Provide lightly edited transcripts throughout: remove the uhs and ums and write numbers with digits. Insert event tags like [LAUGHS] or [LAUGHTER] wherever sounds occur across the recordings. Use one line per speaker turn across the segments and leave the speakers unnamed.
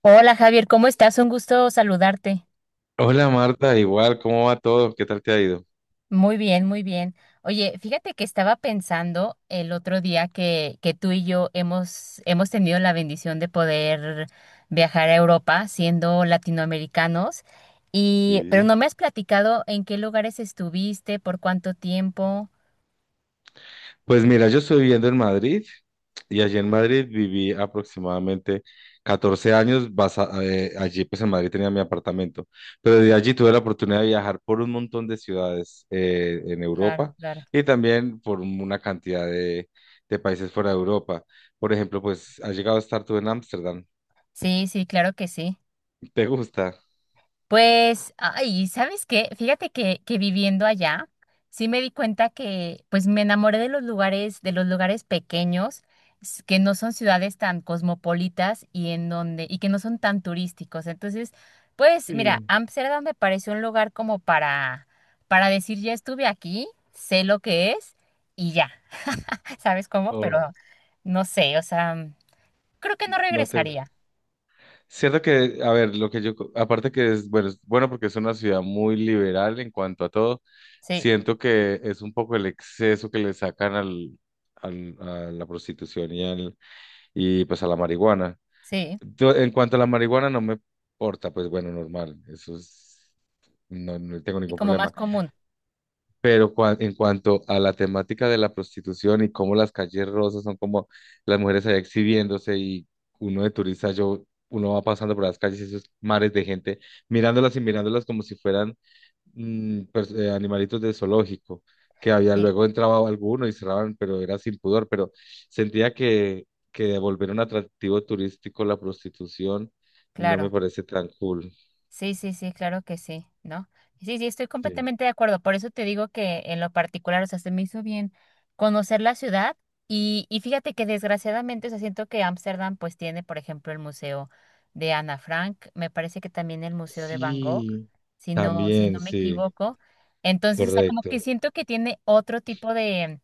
Hola Javier, ¿cómo estás? Un gusto saludarte.
Hola Marta, igual, ¿cómo va todo? ¿Qué tal te ha ido?
Muy bien, muy bien. Oye, fíjate que estaba pensando el otro día que tú y yo hemos tenido la bendición de poder viajar a Europa siendo latinoamericanos, y, pero
Sí.
no me has platicado en qué lugares estuviste, por cuánto tiempo.
Pues mira, yo estoy viviendo en Madrid y allí en Madrid viví aproximadamente 14 años. Allí pues en Madrid tenía mi apartamento, pero de allí tuve la oportunidad de viajar por un montón de ciudades en
Claro,
Europa,
claro.
y también por una cantidad de países fuera de Europa. Por ejemplo, pues has llegado a estar tú en Ámsterdam.
Sí, sí, claro que sí.
[LAUGHS] ¿Te gusta?
Pues, ay, ¿sabes qué? Fíjate que viviendo allá, sí me di cuenta que, pues, me enamoré de los lugares pequeños, que no son ciudades tan cosmopolitas y en donde, y que no son tan turísticos. Entonces, pues, mira,
Sí.
Ámsterdam me pareció un lugar como para decir, ya estuve aquí, sé lo que es y ya, [LAUGHS] ¿sabes cómo?
¿O
Pero no sé, o sea, creo que no
no te...?
regresaría.
Cierto que, a ver, lo que yo, aparte que es bueno porque es una ciudad muy liberal en cuanto a todo.
Sí,
Siento que es un poco el exceso que le sacan al, a la prostitución y, y pues a la marihuana.
sí,
Yo, en cuanto a la marihuana no me importa, pues bueno, normal, eso es, no tengo
y
ningún
como más
problema.
común.
Pero en cuanto a la temática de la prostitución y cómo las calles rosas son como las mujeres allá exhibiéndose, y uno de turista, uno va pasando por las calles, esos mares de gente, mirándolas y mirándolas como si fueran animalitos de zoológico, que había,
Sí,
luego entraba alguno y cerraban, pero era sin pudor. Pero sentía que, devolver un atractivo turístico la prostitución no me
claro.
parece tan cool.
Sí, sí, sí, claro que sí, ¿no? Sí, sí, estoy
Sí,
completamente de acuerdo. Por eso te digo que en lo particular, o sea, se me hizo bien conocer la ciudad y fíjate que desgraciadamente, o sea, siento que Ámsterdam pues tiene, por ejemplo, el museo de Ana Frank, me parece que también el museo de Van Gogh,
sí,
si no, si
también,
no me
sí,
equivoco. Entonces, o sea, como que
correcto.
siento que tiene otro tipo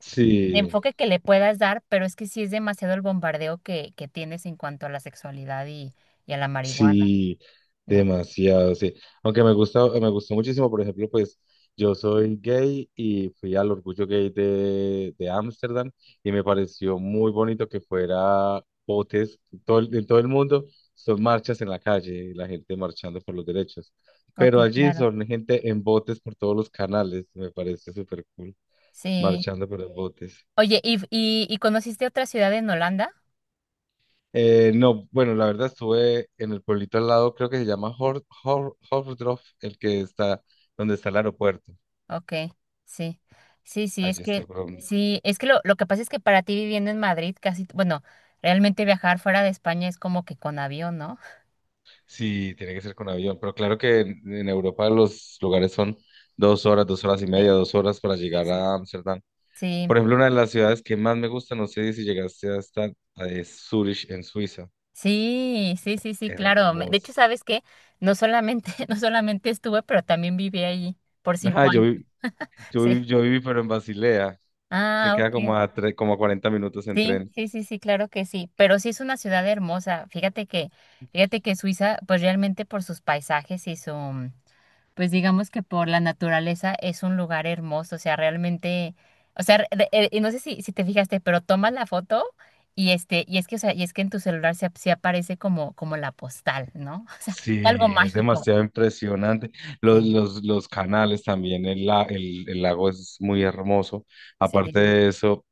de
Sí,
enfoque que le puedas dar, pero es que sí es demasiado el bombardeo que tienes en cuanto a la sexualidad y a la marihuana,
sí,
¿no?
demasiado, sí. Aunque me gusta, me gustó muchísimo, por ejemplo, pues yo soy gay y fui al Orgullo Gay de Ámsterdam, y me pareció muy bonito que fuera botes. Todo, en todo el mundo, son marchas en la calle, la gente marchando por los derechos.
Ok,
Pero allí
claro.
son gente en botes por todos los canales, me parece súper cool,
Sí.
marchando por los botes.
Oye, y conociste otra ciudad en Holanda?
No, bueno, la verdad estuve en el pueblito al lado, creo que se llama Hordorf, el que está donde está el aeropuerto.
Ok, sí. Sí,
Allí estuve, pero
sí, es que lo que pasa es que para ti viviendo en Madrid, casi, bueno, realmente viajar fuera de España es como que con avión, ¿no?
sí, tiene que ser con avión. Pero claro que en Europa los lugares son dos horas y media,
[LAUGHS]
dos horas para
Sí,
llegar
sí,
a Ámsterdam.
sí.
Por ejemplo, una de las ciudades que más me gusta, no sé si llegaste hasta, es Zurich, en Suiza.
Sí, sí, sí, sí, sí, claro. De hecho,
Hermoso.
¿sabes qué? No solamente, [LAUGHS] no solamente estuve, pero también viví allí por
[LAUGHS] Ajá,
cinco
yo,
años.
vi- yo, vi-
Sí.
yo viví, pero en Basilea, que
Ah,
queda como
ok.
a 40 minutos en
Sí,
tren.
sí, sí, sí, claro que sí, pero sí es una ciudad hermosa. Fíjate que Suiza, pues realmente por sus paisajes y su, pues digamos que por la naturaleza es un lugar hermoso, o sea, realmente, o sea, y no sé si, si te fijaste, pero tomas la foto y este, y es que, o sea, y es que en tu celular se aparece como, como la postal, ¿no? [LAUGHS] O sea,
Sí,
algo
es
mágico.
demasiado impresionante. Los,
Sí,
los, los canales también, el lago es muy hermoso.
sí,
Aparte de eso,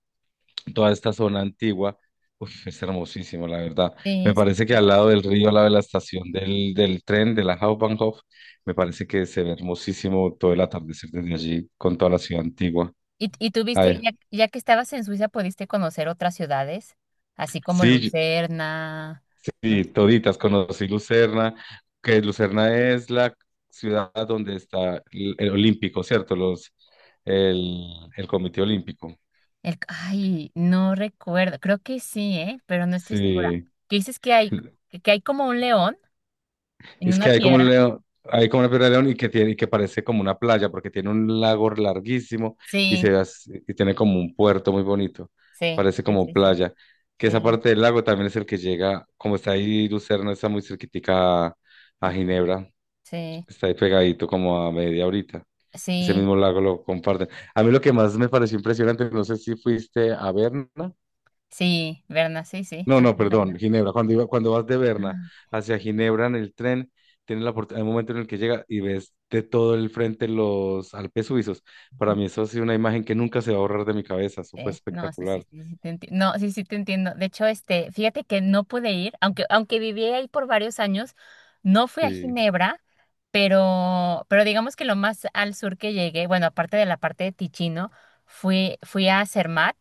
toda esta zona antigua, uf, es hermosísimo, la verdad. Me
sí, sí.
parece que al lado del río, al lado de la estación del, tren, de la Hauptbahnhof, me parece que se ve hermosísimo todo el atardecer desde allí con toda la ciudad antigua.
Y tuviste,
Ay,
ya, ya que estabas en Suiza, pudiste conocer otras ciudades, así como
sí.
Lucerna, no
Sí,
sé,
toditas, conocí Lucerna, que Lucerna es la ciudad donde está el Olímpico, ¿cierto? El, el Comité Olímpico.
el, ay, no recuerdo, creo que sí, ¿eh? Pero no estoy segura.
Sí,
¿Qué dices que hay, que hay como un león en
es
una
que hay como un
piedra?
león, hay como una piedra de león, y que tiene, y que parece como una playa, porque tiene un lago larguísimo y se
Sí,
ve y tiene como un puerto muy bonito,
sí,
parece
sí,
como
sí, sí,
playa. Que esa
sí,
parte del lago también es el que llega, como está ahí Lucerna, está muy cerquitica a
mm,
a Ginebra.
sí,
Está ahí pegadito como a media horita. Ese
sí,
mismo lago lo comparten. A mí lo que más me pareció impresionante, no sé si fuiste a Berna.
sí, Berna, sí, sí,
No,
sí,
no, perdón,
Berna.
Ginebra. Cuando cuando vas de Berna
Ah,
hacia Ginebra en el tren, tienes la oportunidad, hay un momento en el que llega y ves de todo el frente los Alpes suizos. Para
mm.
mí eso ha sido una imagen que nunca se va a borrar de mi cabeza. Eso fue
No, sí, sí,
espectacular.
sí, sí, No, sí, sí, te entiendo. De hecho, este, fíjate que no pude ir, aunque, aunque viví ahí por varios años, no fui a
Sí,
Ginebra, pero digamos que lo más al sur que llegué, bueno, aparte de la parte de Ticino, fui a Zermatt,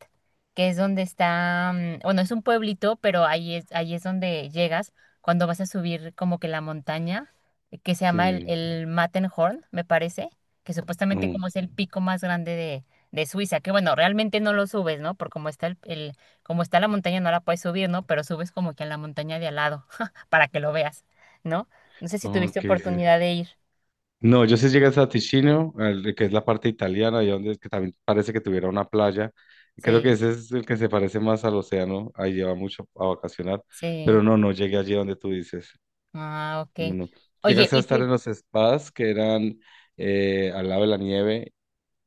que es donde está, mm, bueno, es un pueblito, pero ahí es donde llegas cuando vas a subir como que la montaña, que se llama
sí.
el Matterhorn, me parece, que supuestamente
No,
como es el pico más grande de Suiza, que bueno, realmente no lo subes, ¿no? Por cómo está como está la montaña no la puedes subir, ¿no? Pero subes como que a la montaña de al lado, [LAUGHS] para que lo veas, ¿no? No sé si tuviste Ok.
ok, sí.
oportunidad de ir.
No, yo sí llegué a Ticino, que es la parte italiana, y donde es que también parece que tuviera una playa. Creo que
Sí,
ese es el que se parece más al océano, ahí lleva mucho a vacacionar,
sí.
pero no, no llegué allí donde tú dices.
Ah,
No,
ok.
no.
Oye,
Llegaste a estar en los spas que eran al lado de la nieve,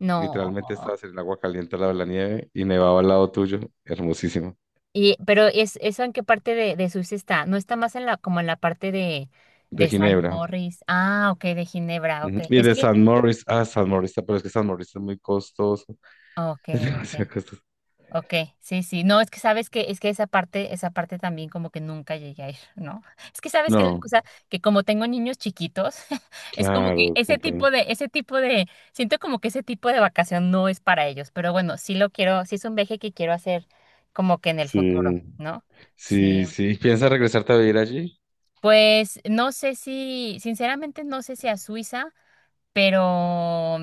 no.
literalmente estabas en el agua caliente al lado de la nieve y nevaba al lado tuyo, hermosísimo,
Y, pero es, ¿eso en qué parte de Suiza está? ¿No está más en la, como en la parte
de
de Saint
Ginebra.
Moritz? Ah, ok, de Ginebra, ok.
Ujú. Y
Es
de
que,
San Moritz, San Moritz, pero es que San Moritz es muy costoso,
ok,
[LAUGHS] es
ok.
demasiado costoso.
Ok, sí, sí. No, es que sabes que, es que esa parte también como que nunca llegué a ir, ¿no? Es que sabes que la
No,
cosa, que como tengo niños chiquitos, [LAUGHS] es como que
claro, comprendo.
ese tipo de, siento como que ese tipo de vacación no es para ellos, pero bueno, sí lo quiero, sí es un viaje que quiero hacer como que en el futuro,
Sí,
¿no? Sí.
sí, sí. ¿Piensas regresarte a vivir allí?
Pues no sé si, sinceramente no sé si a Suiza, pero,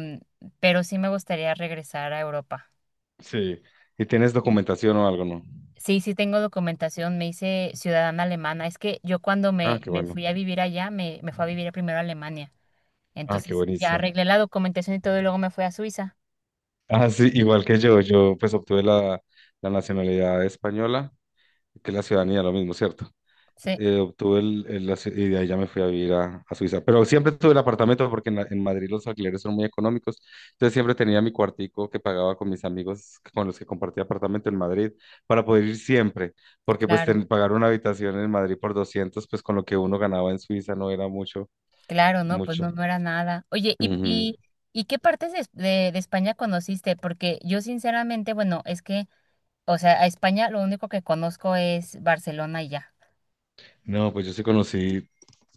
pero sí me gustaría regresar a Europa.
Sí. ¿Y tienes documentación o algo, no?
Sí, sí tengo documentación, me hice ciudadana alemana. Es que yo cuando
Ah, qué
me
bueno.
fui a vivir allá, me fui a vivir primero a Alemania.
Ah, qué
Entonces ya
buenísimo.
arreglé la documentación y todo y luego me fui a Suiza.
Ah, sí, igual que yo pues obtuve la, nacionalidad española, que es la ciudadanía, lo mismo, ¿cierto?
Sí,
Obtuve el asilo, y de ahí ya me fui a vivir a Suiza. Pero siempre tuve el apartamento porque en, en Madrid los alquileres son muy económicos. Entonces siempre tenía mi cuartico que pagaba con mis amigos con los que compartía apartamento en Madrid para poder ir siempre. Porque pues
claro,
pagar una habitación en Madrid por 200, pues con lo que uno ganaba en Suiza no era mucho,
claro, no, pues
mucho.
no, no era nada. Oye,
Ujú.
y qué partes de España conociste? Porque yo sinceramente, bueno, es que, o sea, a España lo único que conozco es Barcelona y ya.
No, pues yo sí conocí,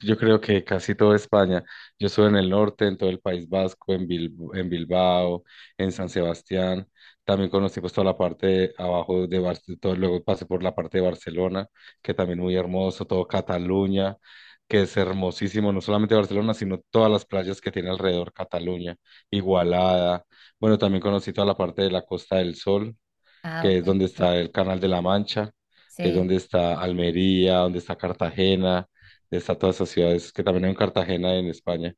yo creo que casi toda España. Yo estuve en el norte, en todo el País Vasco, en en Bilbao, en San Sebastián. También conocí pues toda la parte de abajo de Barcelona, luego pasé por la parte de Barcelona, que también muy hermoso, todo Cataluña, que es hermosísimo, no solamente Barcelona, sino todas las playas que tiene alrededor Cataluña, Igualada. Bueno, también conocí toda la parte de la Costa del Sol,
Ah, ok,
que es donde
sí,
está el Canal de la Mancha, que es
sí.
donde está Almería, donde está Cartagena, donde está todas esas ciudades, que también hay en Cartagena en España.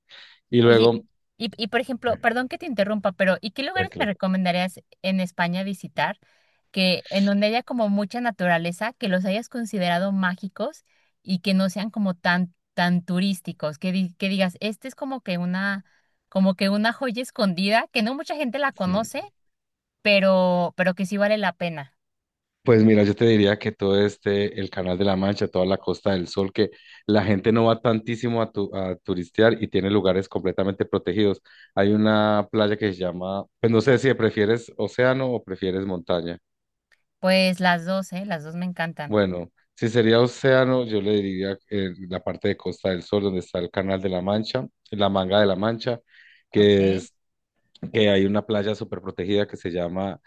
Y
Oye,
luego,
y por ejemplo, perdón que te interrumpa, pero ¿y qué lugares me
tranquilo,
recomendarías en España visitar que en donde haya como mucha naturaleza, que los hayas considerado mágicos y que no sean como tan tan turísticos, que digas, este es como que una joya escondida que no mucha gente la conoce,
sí.
pero que sí vale la pena.
Pues mira, yo te diría que todo este, el Canal de la Mancha, toda la Costa del Sol, que la gente no va tantísimo a turistear, y tiene lugares completamente protegidos. Hay una playa que se llama, pues no sé si prefieres océano o prefieres montaña.
Pues las dos me encantan.
Bueno, si sería océano, yo le diría la parte de Costa del Sol, donde está el Canal de la Mancha, la Manga de la Mancha, que
Okay,
es que hay una playa súper protegida que se llama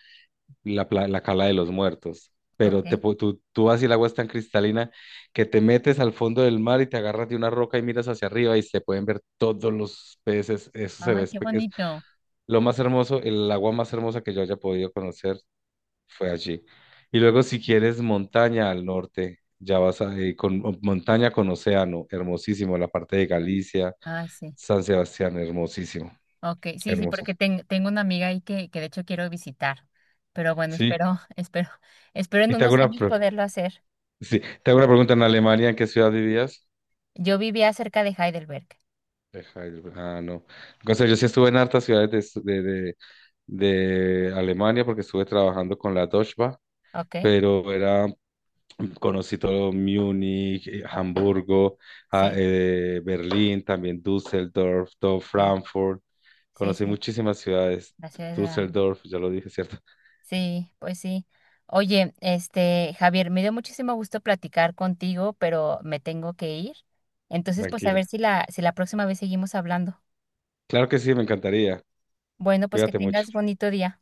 la, la Cala de los Muertos. Pero
okay.
tú vas y el agua es tan cristalina que te metes al fondo del mar y te agarras de una roca y miras hacia arriba y se pueden ver todos los peces. Eso se ve,
Ay, qué
es
bonito.
lo más hermoso, el agua más hermosa que yo haya podido conocer fue allí. Y luego, si quieres montaña al norte, ya vas montaña con océano, hermosísimo, la parte de Galicia,
Ah, sí.
San Sebastián, hermosísimo,
Ok, sí, sí, porque
hermosísimo.
tengo una amiga ahí que de hecho quiero visitar, pero bueno,
Sí,
espero, [LAUGHS] espero, espero en
y te hago
unos
una,
años
pre-
poderlo hacer.
sí, te hago una pregunta, ¿en Alemania en qué ciudad vivías?
Yo vivía cerca de Heidelberg,
Heidelberg. No. O sea, yo sí estuve en hartas ciudades de, de Alemania, porque estuve trabajando con la Deutsche Bahn,
ok,
pero era. Conocí todo Múnich,
ok,
Hamburgo,
sí,
Berlín, también Düsseldorf, todo
sí,
Frankfurt.
sí,
Conocí
sí,
muchísimas ciudades.
la ciudad es grande.
Düsseldorf, ya lo dije, ¿cierto?
Sí, pues sí. Oye, este, Javier, me dio muchísimo gusto platicar contigo, pero me tengo que ir. Entonces, pues a
Tranquila.
ver si la, si la próxima vez seguimos hablando.
Claro que sí, me encantaría.
Bueno, pues que
Cuídate mucho.
tengas bonito día.